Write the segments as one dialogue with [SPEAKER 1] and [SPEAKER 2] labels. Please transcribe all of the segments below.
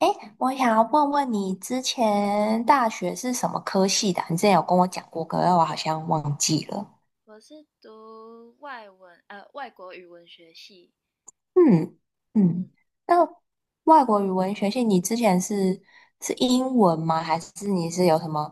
[SPEAKER 1] 哎，我想要问问你，之前大学是什么科系的啊，你之前有跟我讲过，可是我好像忘记了。
[SPEAKER 2] 我是读外文，外国语文学系。
[SPEAKER 1] 嗯
[SPEAKER 2] 嗯，
[SPEAKER 1] 嗯，那外国语文学系，你之前是英文吗？还是你是有什么，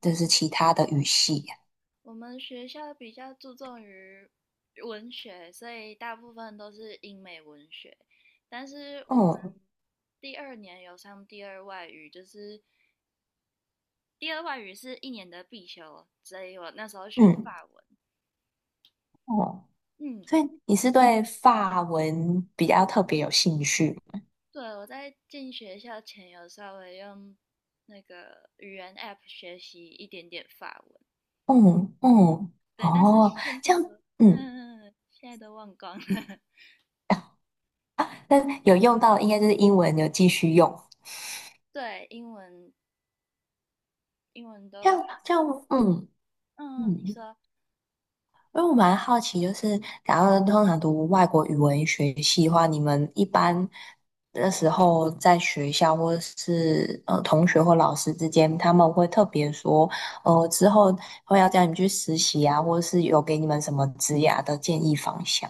[SPEAKER 1] 就是其他的语系呀？
[SPEAKER 2] 我们学校比较注重于文学，所以大部分都是英美文学。但是我们
[SPEAKER 1] 嗯
[SPEAKER 2] 第二年有上第二外语，就是第二外语是1年的必修，所以我那时候选
[SPEAKER 1] 嗯
[SPEAKER 2] 法文。
[SPEAKER 1] 哦，
[SPEAKER 2] 嗯，
[SPEAKER 1] 所以你是对法文比较特别有兴趣？
[SPEAKER 2] 对，我在进学校前有稍微用那个语言 App 学习一点点法文。
[SPEAKER 1] 嗯嗯
[SPEAKER 2] 对，但是
[SPEAKER 1] 哦，
[SPEAKER 2] 现
[SPEAKER 1] 这
[SPEAKER 2] 在
[SPEAKER 1] 样。
[SPEAKER 2] 的，嗯
[SPEAKER 1] 嗯
[SPEAKER 2] 嗯嗯现在都忘光了。
[SPEAKER 1] 啊，那有用到应该就是英文有继续用。
[SPEAKER 2] 对，英文都，
[SPEAKER 1] 这样这样，嗯
[SPEAKER 2] 嗯，你
[SPEAKER 1] 嗯，
[SPEAKER 2] 说，
[SPEAKER 1] 因为我蛮好奇，就是假如通常读外国语文学系的话，你们一般的时候在学校或者是同学或老师之间，他们会特别说，之后会要叫你们去实习啊，或者是有给你们什么职涯的建议方向？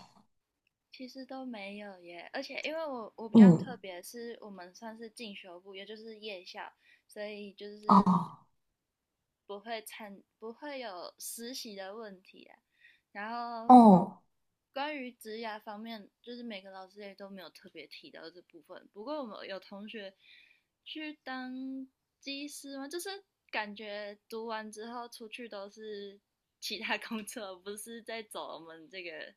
[SPEAKER 2] 其实都没有耶，而且因为我比较特
[SPEAKER 1] 嗯，
[SPEAKER 2] 别，是我们算是进修部，也就是夜校，所以就是
[SPEAKER 1] 哦，
[SPEAKER 2] 不会有实习的问题啊。然后
[SPEAKER 1] 哦，
[SPEAKER 2] 关于职涯方面，就是每个老师也都没有特别提到这部分。不过我们有同学去当技师嘛，就是感觉读完之后出去都是其他工作，不是在走我们这个。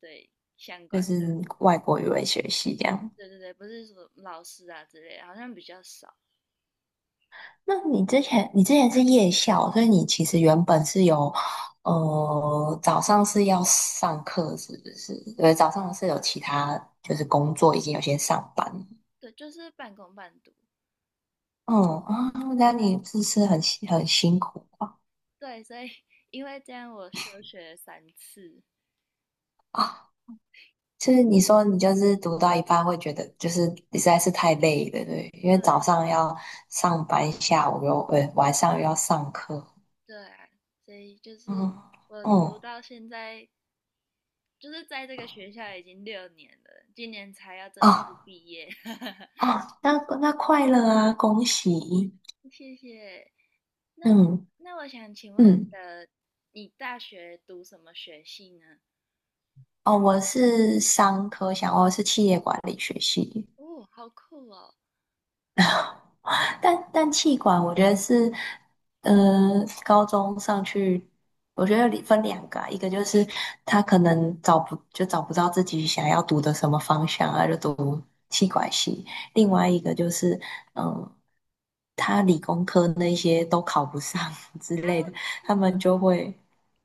[SPEAKER 2] 对，相
[SPEAKER 1] 就
[SPEAKER 2] 关
[SPEAKER 1] 是
[SPEAKER 2] 的，
[SPEAKER 1] 外国语文学系这样。
[SPEAKER 2] 对对对，不是说老师啊之类的，好像比较少。
[SPEAKER 1] 那你之前是夜校，所以你其实原本是有，早上是要上课，是不是？对，早上是有其他，就是工作，已经有些上班。
[SPEAKER 2] 对，就是半工半读。
[SPEAKER 1] 嗯啊，那你是不是很辛苦
[SPEAKER 2] 对，所以因为这样我休学了三次。
[SPEAKER 1] 啊？就是你说你就是读到一半会觉得就是实在是太累了。对，因为早
[SPEAKER 2] 对
[SPEAKER 1] 上要上班，下午又晚上又要上课。
[SPEAKER 2] 对啊，所以就是
[SPEAKER 1] 嗯
[SPEAKER 2] 我
[SPEAKER 1] 嗯
[SPEAKER 2] 读到现在，就是在这个学校已经6年了，今年才要正式
[SPEAKER 1] 啊
[SPEAKER 2] 毕业。
[SPEAKER 1] 啊，那快乐啊，恭喜！
[SPEAKER 2] 谢谢。那
[SPEAKER 1] 嗯。
[SPEAKER 2] 我想请问
[SPEAKER 1] 嗯，
[SPEAKER 2] 你大学读什么学系呢？
[SPEAKER 1] 哦，我是商科想我是企业管理学系，
[SPEAKER 2] 哦，好酷哦！
[SPEAKER 1] 但企管我觉得是，呃，高中上去，我觉得里分两个啊，一个就是他可能找不到自己想要读的什么方向啊，就读气管系。另外一个就是，嗯，他理工科那些都考不上 之类
[SPEAKER 2] 啊，
[SPEAKER 1] 的，
[SPEAKER 2] 是
[SPEAKER 1] 他
[SPEAKER 2] 吗？
[SPEAKER 1] 们就会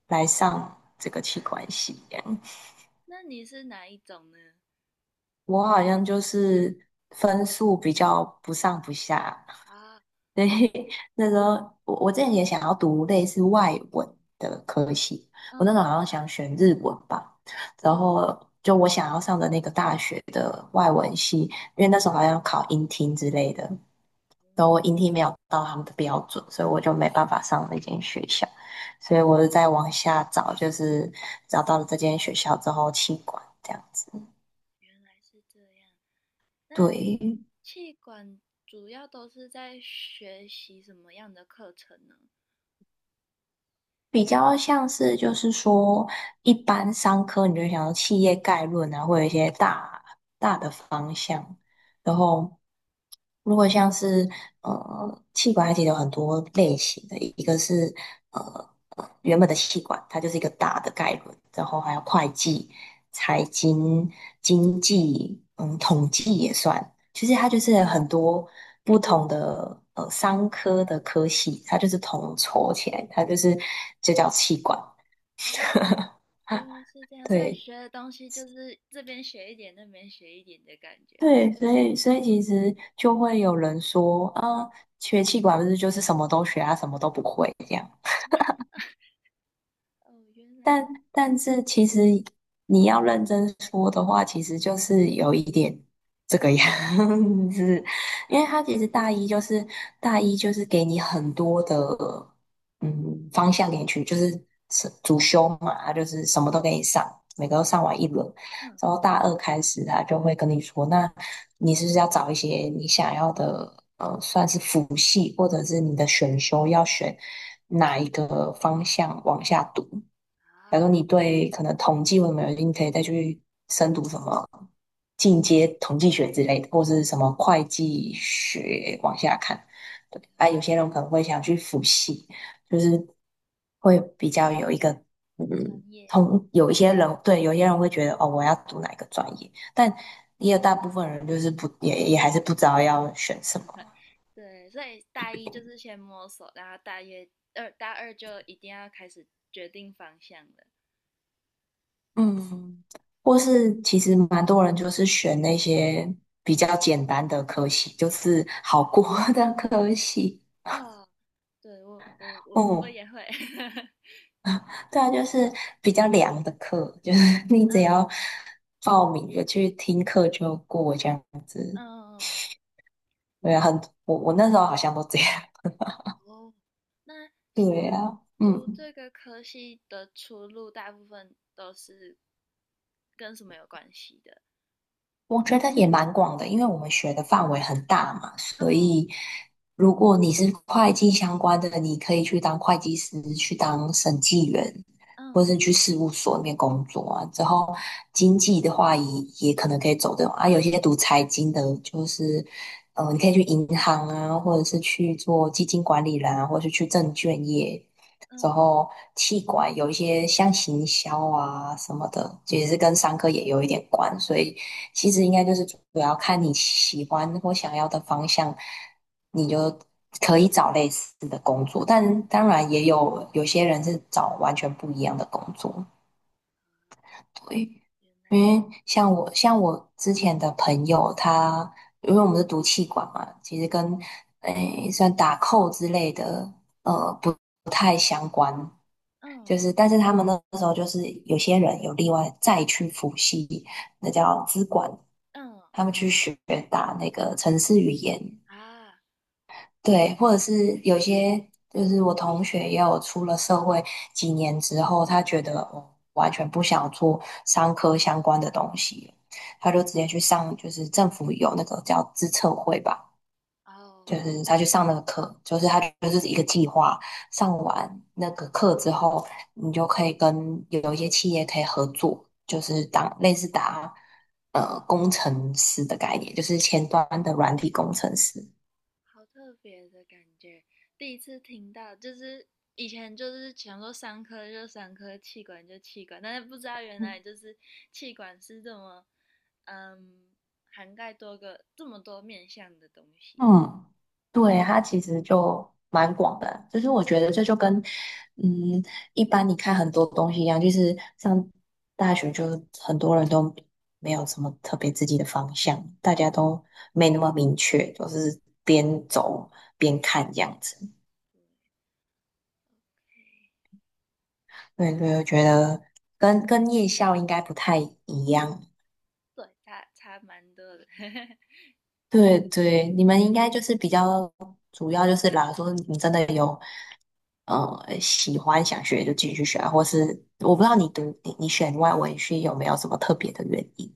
[SPEAKER 1] 来上这个企管系。
[SPEAKER 2] 那你是哪一种呢？
[SPEAKER 1] 我好像就是分数比较不上不下，
[SPEAKER 2] 啊，
[SPEAKER 1] 所以那时候，我之前也想要读类似外文的科系。我那
[SPEAKER 2] 嗯
[SPEAKER 1] 时候好像想选日文吧，然
[SPEAKER 2] 嗯，
[SPEAKER 1] 后就我想要上的那个大学的外文系，因为那时候好像要考英听之类的，然后我英听没有到他们的标准，所以我就没办法上那间学校，所以我就在往下找，就是找到了这间学校之后弃管这样子。
[SPEAKER 2] 还是这样。那
[SPEAKER 1] 对。
[SPEAKER 2] 气管主要都是在学习什么样的课程呢？
[SPEAKER 1] 比较像是就是说，一般商科你就会想到企业概论啊，或有一些大大的方向。然后如果像是气管，它其实有很多类型的，一个是呃原本的气管，它就是一个大的概论，然后还有会计、财经、经济，统计也算。其实它就是很多不同的商科的科系，它就是统筹起来，它就是就叫气管。
[SPEAKER 2] 哦，
[SPEAKER 1] 啊，
[SPEAKER 2] 原来是这样，所以
[SPEAKER 1] 对
[SPEAKER 2] 学的东西就是这边学一点，那边学一点的感觉。
[SPEAKER 1] 对，所以其实就会有人说啊，学气管不是就是什么都学啊，什么都不会这样。
[SPEAKER 2] 哦，原来，
[SPEAKER 1] 但但是其实你要认真说的话，其实就是有一点这个样子，因为
[SPEAKER 2] 嗯
[SPEAKER 1] 他其实大一就是给你很多的嗯方向给你去，就是是主修嘛，他就是什么都给你上，每个都上完一轮。
[SPEAKER 2] 嗯，
[SPEAKER 1] 然后大二开始他就会跟你说，那你是不是要找一些你想要的算是辅系或者是你的选修要选哪一个方向往下读？假
[SPEAKER 2] 啊，
[SPEAKER 1] 如你对可能统计或什么有兴趣，可以再去深读什么进阶统计学之类的，或是什么会计学往下看。对。
[SPEAKER 2] 了
[SPEAKER 1] 啊，有些人可能会想去辅系，就是会比较有一个，
[SPEAKER 2] 专业，
[SPEAKER 1] 通有一些人，对，有些人会觉得哦，我要读哪一个专业。但也有大部分人就是不也也还是不知道要选什么。
[SPEAKER 2] 对，所以大一就是先摸索，然后大二就一定要开始决定方向了。
[SPEAKER 1] 嗯，或是其实蛮多人就是选那些比较简单的科系，就是好过 的科系。
[SPEAKER 2] 哦，对，我
[SPEAKER 1] 嗯，
[SPEAKER 2] 也会，
[SPEAKER 1] 对啊，就是比较凉的课，就是 你只要
[SPEAKER 2] 嗯
[SPEAKER 1] 报名就去听课就过这样。
[SPEAKER 2] 嗯嗯嗯。
[SPEAKER 1] 对
[SPEAKER 2] 那
[SPEAKER 1] 啊，我那时候好像都这样。
[SPEAKER 2] 哦，那
[SPEAKER 1] 对啊，
[SPEAKER 2] 读
[SPEAKER 1] 嗯。
[SPEAKER 2] 这个科系的出路，大部分都是跟什么有关系的？
[SPEAKER 1] 我觉得也蛮广的，因为我们学的范围很大嘛。所
[SPEAKER 2] 嗯
[SPEAKER 1] 以如果你是会计相关的，你可以去当会计师，去当审计员，或
[SPEAKER 2] 嗯
[SPEAKER 1] 是去事务所里面工作啊。之后经济的话也可能可以走这种啊。有些读财经的，就是你可以去银行啊，或者是去做基金管理人啊，或者是去证券业。之
[SPEAKER 2] 嗯
[SPEAKER 1] 后，气管有一些像行销啊什么的，其实是跟商科也有一点关，所以其实应该就是主要看你喜欢或想要的方向，你就可以找类似的工作。但当然也有些人是找完全不一样的工作。对，因为像我之前的朋友他，因为我们是读气管嘛，其实跟算打扣之类的，不就
[SPEAKER 2] 嗯
[SPEAKER 1] 是。但是他们那时候就是有些人有另外再去辅系，那叫资管，
[SPEAKER 2] 嗯
[SPEAKER 1] 他们去学打那个城市语言。
[SPEAKER 2] 啊
[SPEAKER 1] 对，或者是有些就是我同学也有出了社会几年之后，他觉得哦，完全不想做商科相关的东西了，他就直接去上，就是政府有那个叫资策会吧。
[SPEAKER 2] 哦，
[SPEAKER 1] 就是他去上那个课，就是他就是一个计划，上完那个课之后，你就可以跟有一些企业可以合作，就是当类似打工程师的概念，就是前端的软体工程师。
[SPEAKER 2] 好特别的感觉，第一次听到，就是以前就是想说三科就三科，气管就气管，但是不知道原来就是气管是这么嗯涵盖这么多面向的东西。
[SPEAKER 1] 嗯。对，它其实就蛮广的，就是我觉得这就跟，嗯，一般你看很多东西一样，就是上大学就很多人都没有什么特别自己的方向，大家都没那么明确，就是边走边看这样子。对对，我觉得跟夜校应该不太一样。
[SPEAKER 2] 对，差蛮多的。
[SPEAKER 1] 对对，你们应该就是比较主要就是啦，假说你真的有喜欢想学就继续学啊。或是我不知道你读你选外文系有没有什么特别的原因？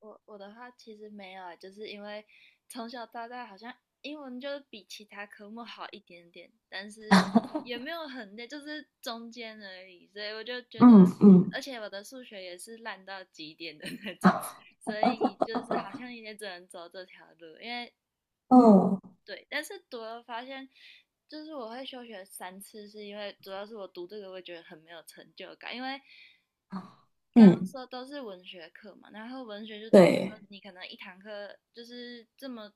[SPEAKER 2] 我的话其实没有欸就是因为从小到大好像英文就是比其他科目好一点点，但是也没有很累，就是中间而已。所以我就觉得，
[SPEAKER 1] 嗯嗯
[SPEAKER 2] 而且我的数学也是烂到极点的那种，
[SPEAKER 1] 啊
[SPEAKER 2] 所以就是好像也只能走这条路，
[SPEAKER 1] 哦
[SPEAKER 2] 对，但是读了发现，就是我会休学三次，是因为主要是我读这个会觉得很没有成就感，因为 刚刚
[SPEAKER 1] 嗯
[SPEAKER 2] 说都是文学课嘛，然后文学就代表说
[SPEAKER 1] 对
[SPEAKER 2] 你可能一堂课就是这么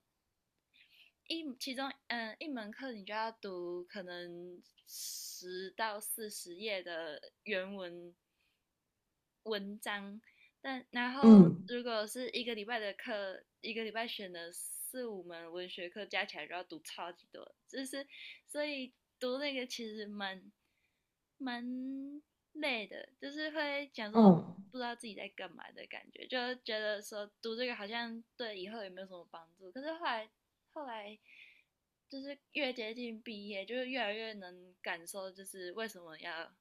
[SPEAKER 2] 其中一门课你就要读可能10到40页的原文文章，但然后
[SPEAKER 1] 嗯
[SPEAKER 2] 如果是一个礼拜的课，一个礼拜选的4、5门文学课加起来就要读超级多，就是所以读那个其实蛮累的，就是会讲说
[SPEAKER 1] 嗯
[SPEAKER 2] 不知道自己在干嘛的感觉，就觉得说读这个好像对以后也没有什么帮助，可是后来就是越接近毕业，就是越来越能感受，就是为什么要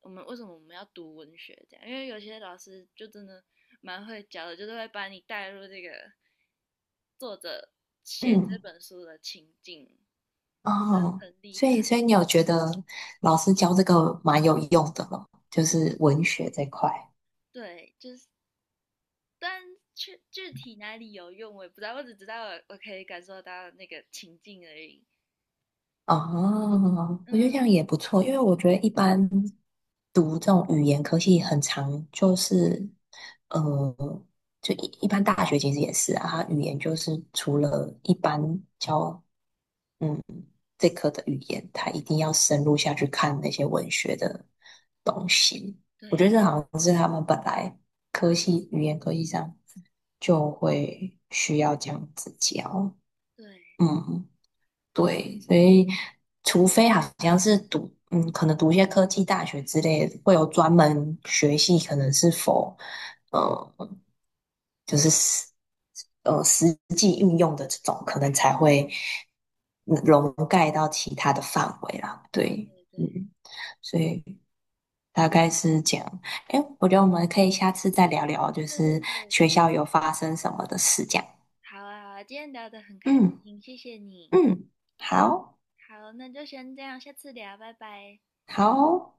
[SPEAKER 2] 我们为什么我们要读文学这样，因为有些老师就真的蛮会教的，就是会把你带入这个作者写这
[SPEAKER 1] 嗯
[SPEAKER 2] 本书的情境，觉得
[SPEAKER 1] 哦，
[SPEAKER 2] 很厉
[SPEAKER 1] 所以
[SPEAKER 2] 害。
[SPEAKER 1] 所以你有觉得老师教这个蛮有用的了，就是文学这块。
[SPEAKER 2] 对，就是但具体哪里有用我也不知道，我只知道我可以感受到那个情境而已。
[SPEAKER 1] 哦，我觉得这样
[SPEAKER 2] 嗯，
[SPEAKER 1] 也不错，因为我觉得一般。读这种语言科系很常就是，呃，一般大学其实也是啊，它语言就是除了一般教，嗯，这科的语言，它一定要深入下去看那些文学的东西。我觉得
[SPEAKER 2] 对
[SPEAKER 1] 这好像是他们本来语言科系上就会需要这样子教，
[SPEAKER 2] 对，
[SPEAKER 1] 嗯。对，所以除非好像是读，可能读一些科技大学之类的，会有专门学系，可能是否，呃，就是实际运用的这种，可能才会
[SPEAKER 2] 哦，
[SPEAKER 1] 笼盖到其他的范围啦。对，
[SPEAKER 2] 对对
[SPEAKER 1] 嗯，所以大概是这样。哎，我觉得我们可以下次再聊聊，就
[SPEAKER 2] 对对
[SPEAKER 1] 是
[SPEAKER 2] 对，
[SPEAKER 1] 学校有发生什么的事这样。
[SPEAKER 2] 好啊，好啊，今天聊得很开
[SPEAKER 1] 嗯
[SPEAKER 2] 心，谢谢你。
[SPEAKER 1] 嗯，好
[SPEAKER 2] 好，那就先这样，下次聊，拜拜。
[SPEAKER 1] 好。